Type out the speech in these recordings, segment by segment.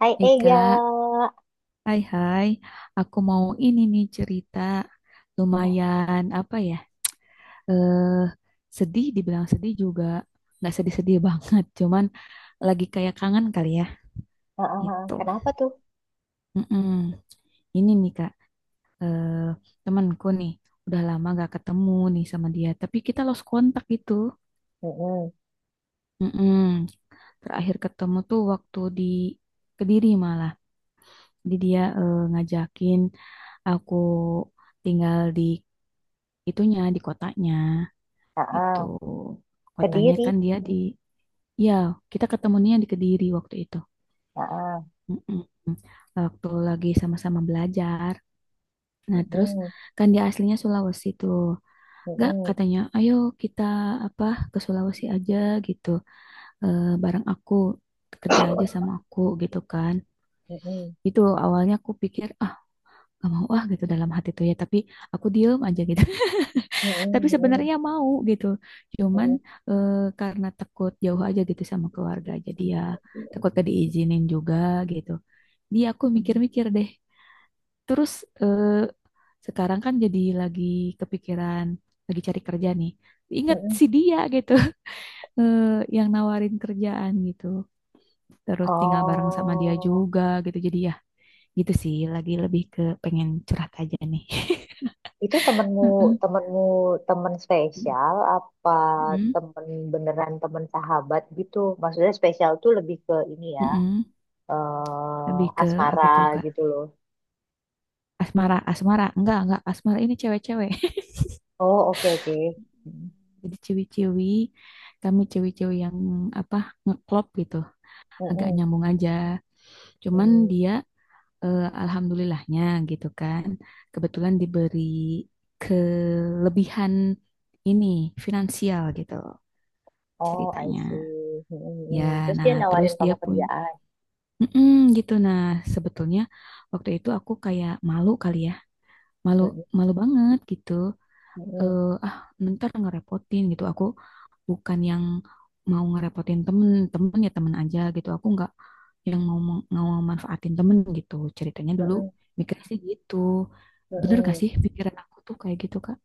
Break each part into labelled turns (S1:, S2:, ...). S1: Hai
S2: Hei
S1: Ega.
S2: kak, hai hai, aku mau ini nih cerita lumayan apa ya, eh sedih, dibilang sedih juga, nggak sedih-sedih banget, cuman lagi kayak kangen kali ya,
S1: Heeh, heeh,
S2: gitu.
S1: kenapa tuh?
S2: Mm-mm. Ini nih kak, eh temanku nih, udah lama nggak ketemu nih sama dia, tapi kita lost kontak gitu.
S1: Mm-mm.
S2: Mm-mm. Terakhir ketemu tuh waktu di Kediri malah, jadi dia ngajakin aku tinggal di itunya di kotanya itu
S1: Heeh.
S2: kotanya
S1: Kediri.
S2: kan dia di ya kita ketemunya di Kediri waktu itu.
S1: Heeh.
S2: Mm-mm. Waktu lagi sama-sama belajar nah terus
S1: Mm-mm.
S2: kan dia aslinya Sulawesi tuh. Gak
S1: Mm-mm.
S2: katanya ayo kita apa ke Sulawesi aja gitu. Eh, bareng aku, kerja aja sama aku gitu kan.
S1: Mm-mm.
S2: Itu awalnya aku pikir, ah gak mau ah gitu dalam hati tuh ya, tapi aku diem aja gitu.
S1: Mm-mm.
S2: Tapi
S1: Mm-mm.
S2: sebenarnya mau gitu, cuman
S1: Mm-mm.
S2: eh, karena takut jauh aja gitu sama keluarga, jadi ya takut gak diizinin juga gitu. Dia aku
S1: Mm-mm.
S2: mikir-mikir deh. Terus eh, sekarang kan jadi lagi kepikiran lagi cari kerja nih, ingat
S1: Mm-mm.
S2: si dia gitu. eh, yang nawarin kerjaan gitu, terus tinggal bareng sama dia
S1: Oh,
S2: juga gitu, jadi ya gitu sih, lagi lebih ke pengen curhat aja nih.
S1: itu temenmu,
S2: Mm.
S1: temenmu, temen spesial apa
S2: Mm-mm.
S1: temen, beneran temen sahabat gitu? Maksudnya spesial tuh lebih ke ini ya,
S2: Mm-mm. Lebih
S1: eh,
S2: ke
S1: asmara
S2: apa tuh Kak?
S1: gitu loh.
S2: Asmara, asmara. Enggak, enggak. Asmara ini cewek-cewek.
S1: Oh, oke oke. Mm-mm.
S2: Jadi ciwi-ciwi, kami ciwi-ciwi yang apa ngeklop gitu. Agak nyambung aja. Cuman
S1: Mm-mm.
S2: dia alhamdulillahnya gitu kan. Kebetulan diberi kelebihan ini finansial gitu
S1: Oh, I see.
S2: ceritanya.
S1: Mm, mm,
S2: Ya,
S1: mm. Terus
S2: nah
S1: dia
S2: terus
S1: nawarin
S2: dia
S1: kamu
S2: pun,
S1: kerjaan.
S2: mm-mm, gitu. Nah, sebetulnya waktu itu aku kayak malu kali ya, malu,
S1: Mm,
S2: malu banget gitu.
S1: mm,
S2: eh, ah ntar ngerepotin gitu. Aku bukan yang mau ngerepotin temen, temen ya temen aja gitu. Aku nggak yang mau mau manfaatin temen gitu ceritanya
S1: mm,
S2: dulu.
S1: mm, mm,
S2: Mikirnya sih gitu.
S1: mm,
S2: Bener gak
S1: mm.
S2: sih pikiran aku tuh kayak gitu kak?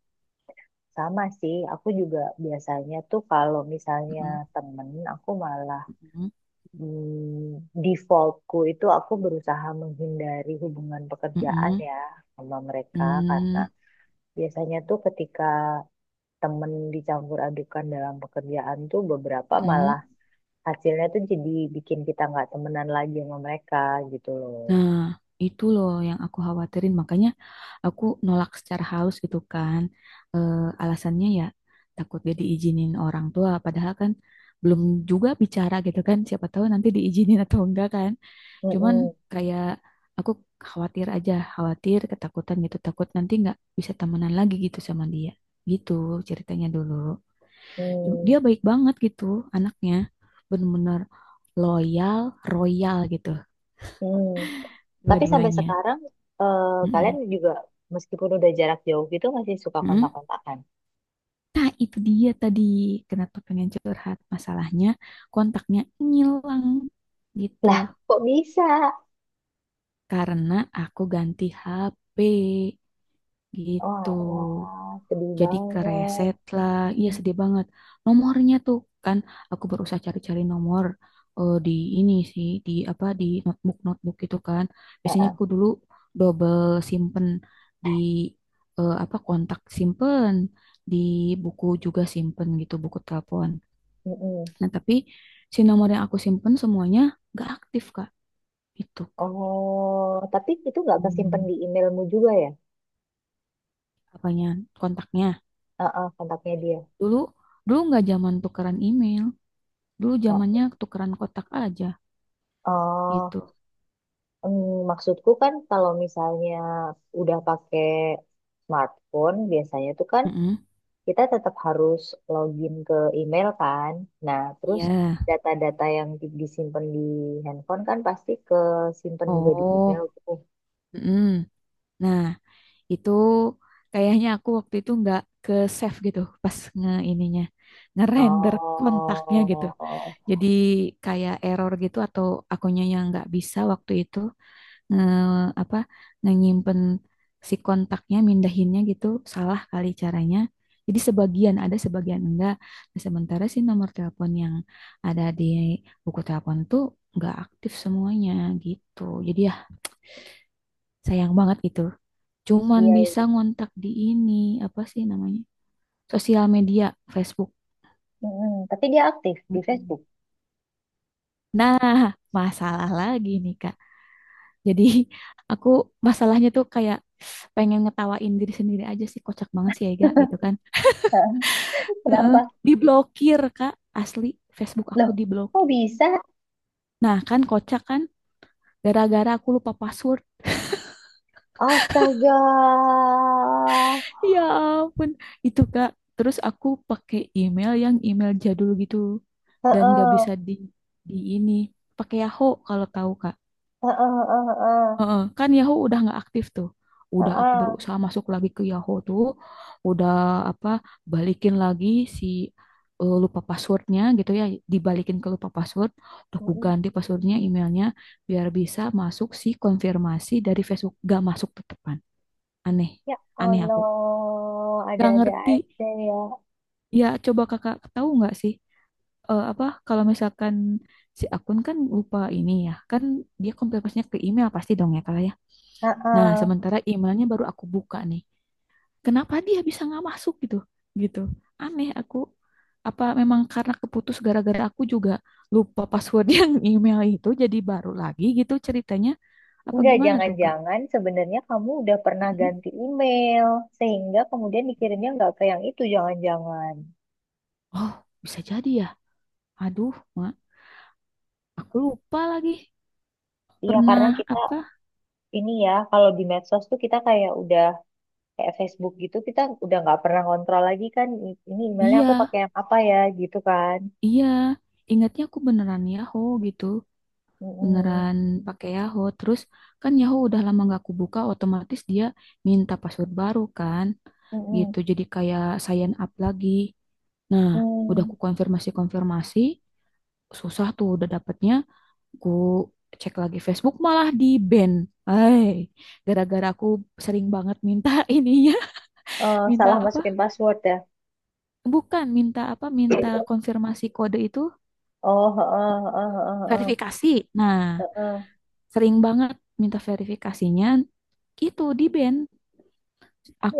S1: Sama sih, aku juga biasanya tuh kalau misalnya
S2: Mm-mm,
S1: temen, aku malah
S2: mm-mm,
S1: defaultku itu aku berusaha menghindari hubungan pekerjaan
S2: mm-mm,
S1: ya sama mereka, karena
S2: mm,
S1: biasanya tuh ketika temen dicampur adukan dalam pekerjaan tuh beberapa
S2: mm-mm.
S1: malah hasilnya tuh jadi bikin kita nggak temenan lagi sama mereka gitu loh.
S2: Nah itu loh yang aku khawatirin, makanya aku nolak secara halus gitu kan. Eh, alasannya ya takut dia diizinin orang tua, padahal kan belum juga bicara gitu kan, siapa tahu nanti diizinin atau enggak kan. Cuman
S1: Mm-mm.
S2: kayak aku khawatir aja, khawatir ketakutan gitu, takut nanti nggak bisa temenan lagi gitu sama dia, gitu ceritanya dulu.
S1: Hmm,
S2: Dia baik banget gitu anaknya, bener-bener loyal, royal gitu
S1: hmm. Tapi sampai
S2: dua-duanya.
S1: sekarang eh, kalian
S2: Mm-mm.
S1: juga meskipun udah jarak jauh gitu masih suka
S2: Mm-mm.
S1: kontak-kontakan.
S2: Nah, itu dia tadi kenapa pengen curhat. Masalahnya, kontaknya ngilang gitu.
S1: Lah, kok bisa?
S2: Karena aku ganti HP
S1: Wah,
S2: gitu.
S1: wah, sedih
S2: Jadi
S1: banget.
S2: kereset lah. Iya sedih banget. Nomornya tuh kan, aku berusaha cari-cari nomor di ini sih di apa di notebook, notebook gitu kan. Biasanya
S1: Heeh,
S2: aku dulu double simpen di apa kontak, simpen di buku juga simpen gitu, buku telepon.
S1: mm-mm.
S2: Nah, tapi si nomor yang aku simpen semuanya nggak aktif, Kak. Itu, Kak.
S1: Oh, tapi itu nggak kesimpan
S2: Hmm,
S1: di emailmu juga ya?
S2: apanya? Kontaknya.
S1: Heeh, kontaknya dia.
S2: Dulu dulu nggak zaman tukeran email. Dulu
S1: Heeh.
S2: zamannya tukeran kotak aja
S1: Oh,
S2: gitu.
S1: maksudku kan kalau misalnya udah pakai smartphone biasanya tuh kan
S2: Mm-mm.
S1: kita tetap harus login ke email kan. Nah, terus
S2: Iya.
S1: data-data yang di- disimpan di handphone kan pasti ke simpan juga di email
S2: Oh.
S1: tuh.
S2: Mm-mm. Nah, itu kayaknya aku waktu itu nggak ke save gitu pas nge ininya, ngerender kontaknya gitu.
S1: Oh, oh.
S2: Jadi kayak error gitu, atau akunya yang nggak bisa waktu itu. eh, apa nyimpen si kontaknya, mindahinnya gitu salah kali caranya. Jadi sebagian ada sebagian enggak. Nah, sementara si nomor telepon yang ada di buku telepon tuh enggak aktif semuanya gitu. Jadi ya sayang banget gitu. Cuman
S1: Iya,
S2: bisa
S1: iya.
S2: ngontak di ini, apa sih namanya? Sosial media, Facebook.
S1: Mm-mm. Tapi dia aktif di
S2: Mm-mm.
S1: Facebook.
S2: Nah, masalah lagi nih Kak. Jadi aku masalahnya tuh kayak pengen ngetawain diri sendiri aja sih, kocak banget sih Ega gitu kan.
S1: Hah,
S2: Heeh.
S1: kenapa?
S2: Diblokir Kak, asli Facebook aku
S1: Loh, kok
S2: diblokir.
S1: bisa?
S2: Nah kan kocak kan, gara-gara aku lupa password.
S1: Astaga.
S2: Ya ampun, itu Kak. Terus aku pakai email, yang email jadul gitu, dan gak
S1: Heeh,
S2: bisa di ini pakai Yahoo kalau tahu Kak.
S1: heeh, heeh, heeh,
S2: Heeh, kan Yahoo udah nggak aktif tuh. Udah aku
S1: heeh.
S2: berusaha masuk lagi ke Yahoo tuh, udah apa balikin lagi si lupa passwordnya gitu ya, dibalikin ke lupa password. Udah aku
S1: Mm-mm.
S2: ganti passwordnya, emailnya biar bisa masuk si konfirmasi dari Facebook. Gak masuk tetepan. Aneh,
S1: Ya
S2: aneh aku.
S1: Allah,
S2: Gak
S1: ada-ada
S2: ngerti.
S1: aja ya.
S2: Ya coba kakak tahu nggak sih apa kalau misalkan si akun kan lupa ini ya, kan dia konfirmasinya ke email pasti dong ya kak ya? Nah,
S1: Heeh.
S2: sementara emailnya baru aku buka nih. Kenapa dia bisa nggak masuk gitu? Gitu. Aneh aku. Apa memang karena keputus gara-gara aku juga lupa password yang email itu jadi baru lagi gitu ceritanya. Apa
S1: Enggak,
S2: gimana tuh, Kak?
S1: jangan-jangan sebenarnya kamu udah pernah
S2: Mhm.
S1: ganti email, sehingga kemudian dikirimnya nggak ke yang itu, jangan-jangan.
S2: Oh, bisa jadi ya. Aduh, Mak. Aku lupa lagi.
S1: Iya, karena
S2: Pernah
S1: kita
S2: apa?
S1: ini ya, kalau di medsos tuh kita kayak udah kayak Facebook gitu, kita udah nggak pernah kontrol lagi kan, i- ini emailnya aku
S2: Iya,
S1: pakai yang apa ya, gitu kan.
S2: iya. Ingatnya aku beneran Yahoo gitu.
S1: Mm-mm,
S2: Beneran pakai Yahoo. Terus kan Yahoo udah lama nggak aku buka, otomatis dia minta password baru kan.
S1: mm-mm,
S2: Gitu. Jadi kayak sign up lagi. Nah, udah
S1: mm.
S2: ku konfirmasi-konfirmasi, susah tuh udah dapetnya. Ku cek lagi Facebook malah di ban. Hai, gara-gara aku sering banget minta ininya,
S1: Eh,
S2: minta
S1: salah
S2: apa?
S1: masukin password ya.
S2: Bukan, minta apa? Minta konfirmasi kode itu,
S1: Oh, heeh, heeh, heeh, heeh,
S2: verifikasi. Nah,
S1: heeh.
S2: sering banget minta verifikasinya, itu di ban.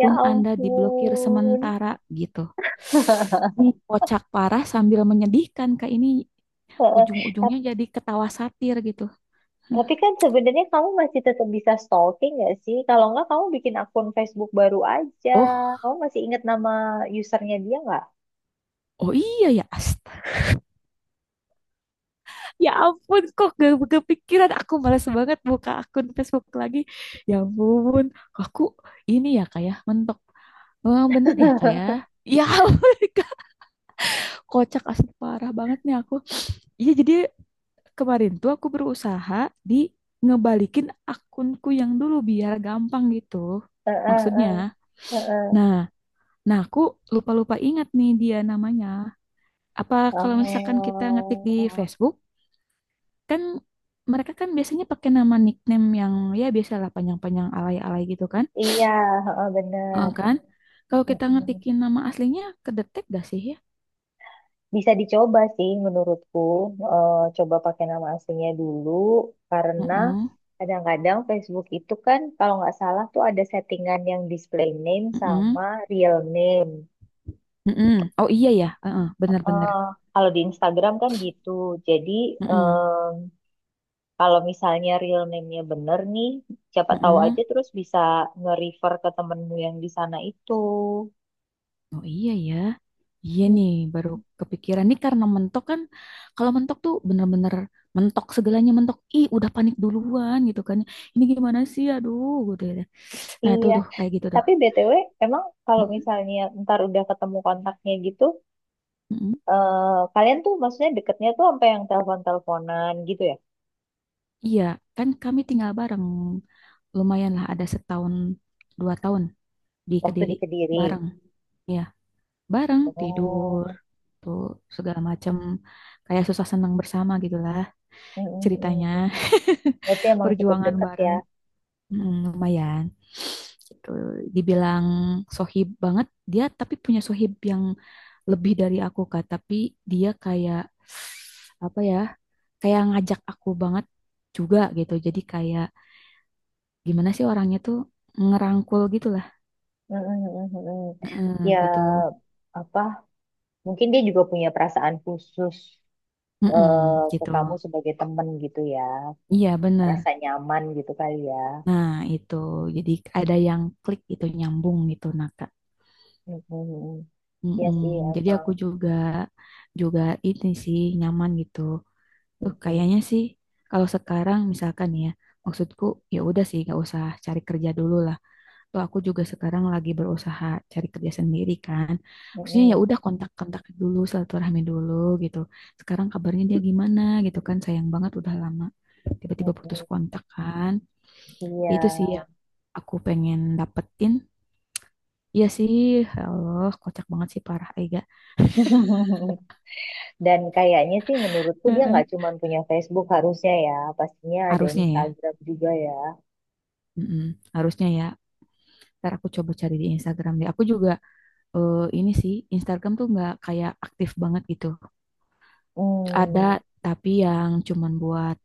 S1: Ya
S2: Anda diblokir
S1: ampun.
S2: sementara gitu. Ini kocak parah sambil menyedihkan Kak, ini
S1: Heeh.
S2: ujung-ujungnya jadi ketawa satir gitu.
S1: Tapi kan sebenarnya kamu masih tetap bisa stalking nggak sih? Kalau nggak kamu bikin akun Facebook baru aja.
S2: Oh,
S1: Kamu masih ingat nama usernya dia nggak?
S2: oh iya ya. Astaga. Ya ampun kok gak kepikiran, aku malas banget buka akun Facebook lagi. Ya ampun, aku ini ya kayak mentok. Oh, bener ya kayak. Ya, ya ampun, kocak asli parah banget nih aku. Iya jadi kemarin tuh aku berusaha di ngebalikin akunku yang dulu biar gampang gitu.
S1: Heeh, heeh,
S2: Maksudnya.
S1: heeh.
S2: Nah, nah aku lupa-lupa ingat nih dia namanya. Apa kalau misalkan kita ngetik di
S1: Oh,
S2: Facebook, kan mereka kan biasanya pakai nama nickname yang ya biasalah panjang-panjang alay-alay gitu kan?
S1: iya, heeh, benar.
S2: Heeh kan? Kalau kita
S1: Mm-mm.
S2: ngetikin nama aslinya, kedetek gak sih ya?
S1: Bisa dicoba sih menurutku. Eh, coba pakai nama aslinya dulu karena
S2: Heeh,
S1: kadang-kadang Facebook itu kan kalau nggak salah tuh ada settingan yang display name
S2: heeh,
S1: sama real name.
S2: heeh. Oh iya ya, heeh, bener-bener.
S1: Eh, kalau di Instagram kan gitu. Jadi
S2: Heeh,
S1: em, kalau misalnya real name-nya bener nih, siapa tahu
S2: heeh.
S1: aja terus bisa nge-refer ke temenmu yang di sana itu.
S2: Oh iya ya. Iya
S1: Mm,
S2: nih, baru kepikiran nih karena mentok kan. Kalau mentok tuh bener-bener mentok, segalanya mentok. Ih, udah panik duluan gitu kan. Ini gimana sih? Aduh, gitu ya. Nah, itu
S1: iya.
S2: tuh kayak gitu tuh.
S1: Tapi BTW, emang kalau
S2: Mm-mm,
S1: misalnya ntar udah ketemu kontaknya gitu,
S2: mm-mm.
S1: eh, kalian tuh maksudnya deketnya tuh sampai yang telepon-teleponan gitu ya?
S2: Iya, kan kami tinggal bareng. Lumayan lah ada setahun, 2 tahun di
S1: Waktu
S2: Kediri
S1: di Kediri.
S2: bareng. Ya, bareng tidur,
S1: Oh,
S2: tuh segala macam. Kayak susah senang bersama gitulah
S1: mm, mm,
S2: ceritanya.
S1: mm. Berarti emang cukup
S2: Perjuangan
S1: dekat
S2: bareng,
S1: ya.
S2: mm, lumayan. Itu dibilang sohib banget dia, tapi punya sohib yang lebih dari aku Kak. Tapi dia kayak apa ya? Kayak ngajak aku banget juga gitu. Jadi kayak gimana sih orangnya tuh, ngerangkul gitu lah.
S1: Mm, mm, mm, mm, mm.
S2: Heeh,
S1: Ya,
S2: gitu.
S1: apa, mungkin dia juga punya perasaan khusus
S2: Heeh,
S1: ke
S2: gitu,
S1: kamu sebagai temen gitu ya.
S2: iya bener.
S1: Rasa nyaman gitu kali ya.
S2: Nah itu, jadi ada yang klik gitu, nyambung gitu nah Kak.
S1: Mm-mm. Iya
S2: Heeh,
S1: sih
S2: jadi
S1: emang.
S2: aku juga juga ini sih nyaman gitu tuh
S1: Mm-mm.
S2: kayaknya sih. Kalau sekarang misalkan ya, maksudku ya udah sih gak usah cari kerja dulu lah. Tuh aku juga sekarang lagi berusaha cari kerja sendiri kan. Maksudnya ya
S1: Mm-mm.
S2: udah, kontak-kontak dulu, silaturahmi dulu gitu. Sekarang kabarnya dia gimana gitu kan. Sayang banget udah lama tiba-tiba putus
S1: Mm-mm.
S2: kontak kan. Ya itu sih
S1: Iya.
S2: yang aku pengen dapetin. Iya sih, Allah kocak banget sih parah Ega.
S1: Dan kayaknya sih menurutku dia
S2: Heeh.
S1: nggak cuma punya Facebook harusnya ya. Pastinya ada
S2: Harusnya ya,
S1: Instagram juga ya.
S2: mm-mm, harusnya ya. Ntar aku coba cari di Instagram deh. Aku juga ini sih Instagram tuh nggak kayak aktif banget gitu. Ada
S1: Hmm.
S2: tapi yang cuman buat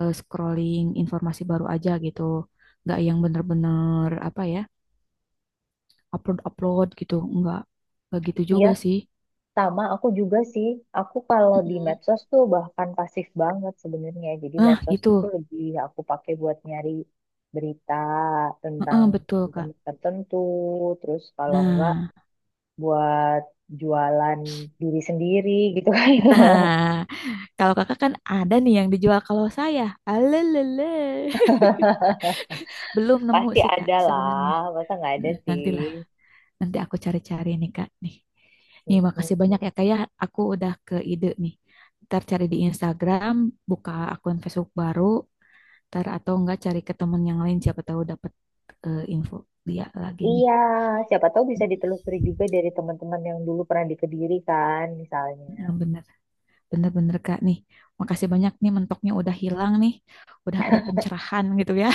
S2: scrolling informasi baru aja gitu, nggak yang bener-bener apa ya upload, upload gitu nggak gitu
S1: Iya,
S2: juga sih.
S1: sama aku juga sih, aku kalau di
S2: Mm-mm.
S1: medsos tuh bahkan pasif banget sebenarnya. Jadi
S2: Ah
S1: medsos itu
S2: itu.
S1: lebih aku pakai buat nyari berita tentang
S2: Heeh, betul kak.
S1: tempat tertentu, terus kalau enggak
S2: Nah,
S1: buat jualan diri sendiri gitu kan.
S2: nah kalau kakak kan ada nih yang dijual, kalau saya alelele belum nemu
S1: Pasti
S2: sih kak
S1: ada
S2: sebenarnya.
S1: lah, masa nggak ada
S2: Nah,
S1: sih.
S2: nanti nanti aku cari-cari nih Kak nih. Nih makasih banyak
S1: Mm-mm.
S2: ya Kak ya. Aku udah ke ide nih. Ntar cari di Instagram, buka akun Facebook baru, ntar atau enggak cari ke temen yang lain, siapa tahu dapat info dia lagi nih.
S1: Iya, siapa tahu bisa ditelusuri juga dari teman-teman yang dulu pernah di Kediri kan, misalnya.
S2: Nah, bener, bener-bener Kak nih. Makasih banyak nih, mentoknya udah hilang nih. Udah ada pencerahan gitu ya.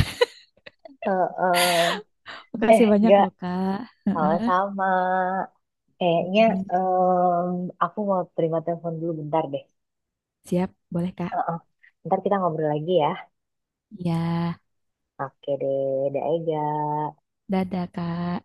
S1: Heeh. Eh,
S2: Makasih banyak
S1: enggak,
S2: loh Kak. Heeh.
S1: sama-sama. Kayaknya
S2: Hmm,
S1: em, aku mau terima telepon dulu bentar deh.
S2: siap, boleh Kak.
S1: Ntar kita ngobrol lagi ya.
S2: Ya,
S1: Oke deh, dadah Ega.
S2: dadah Kak.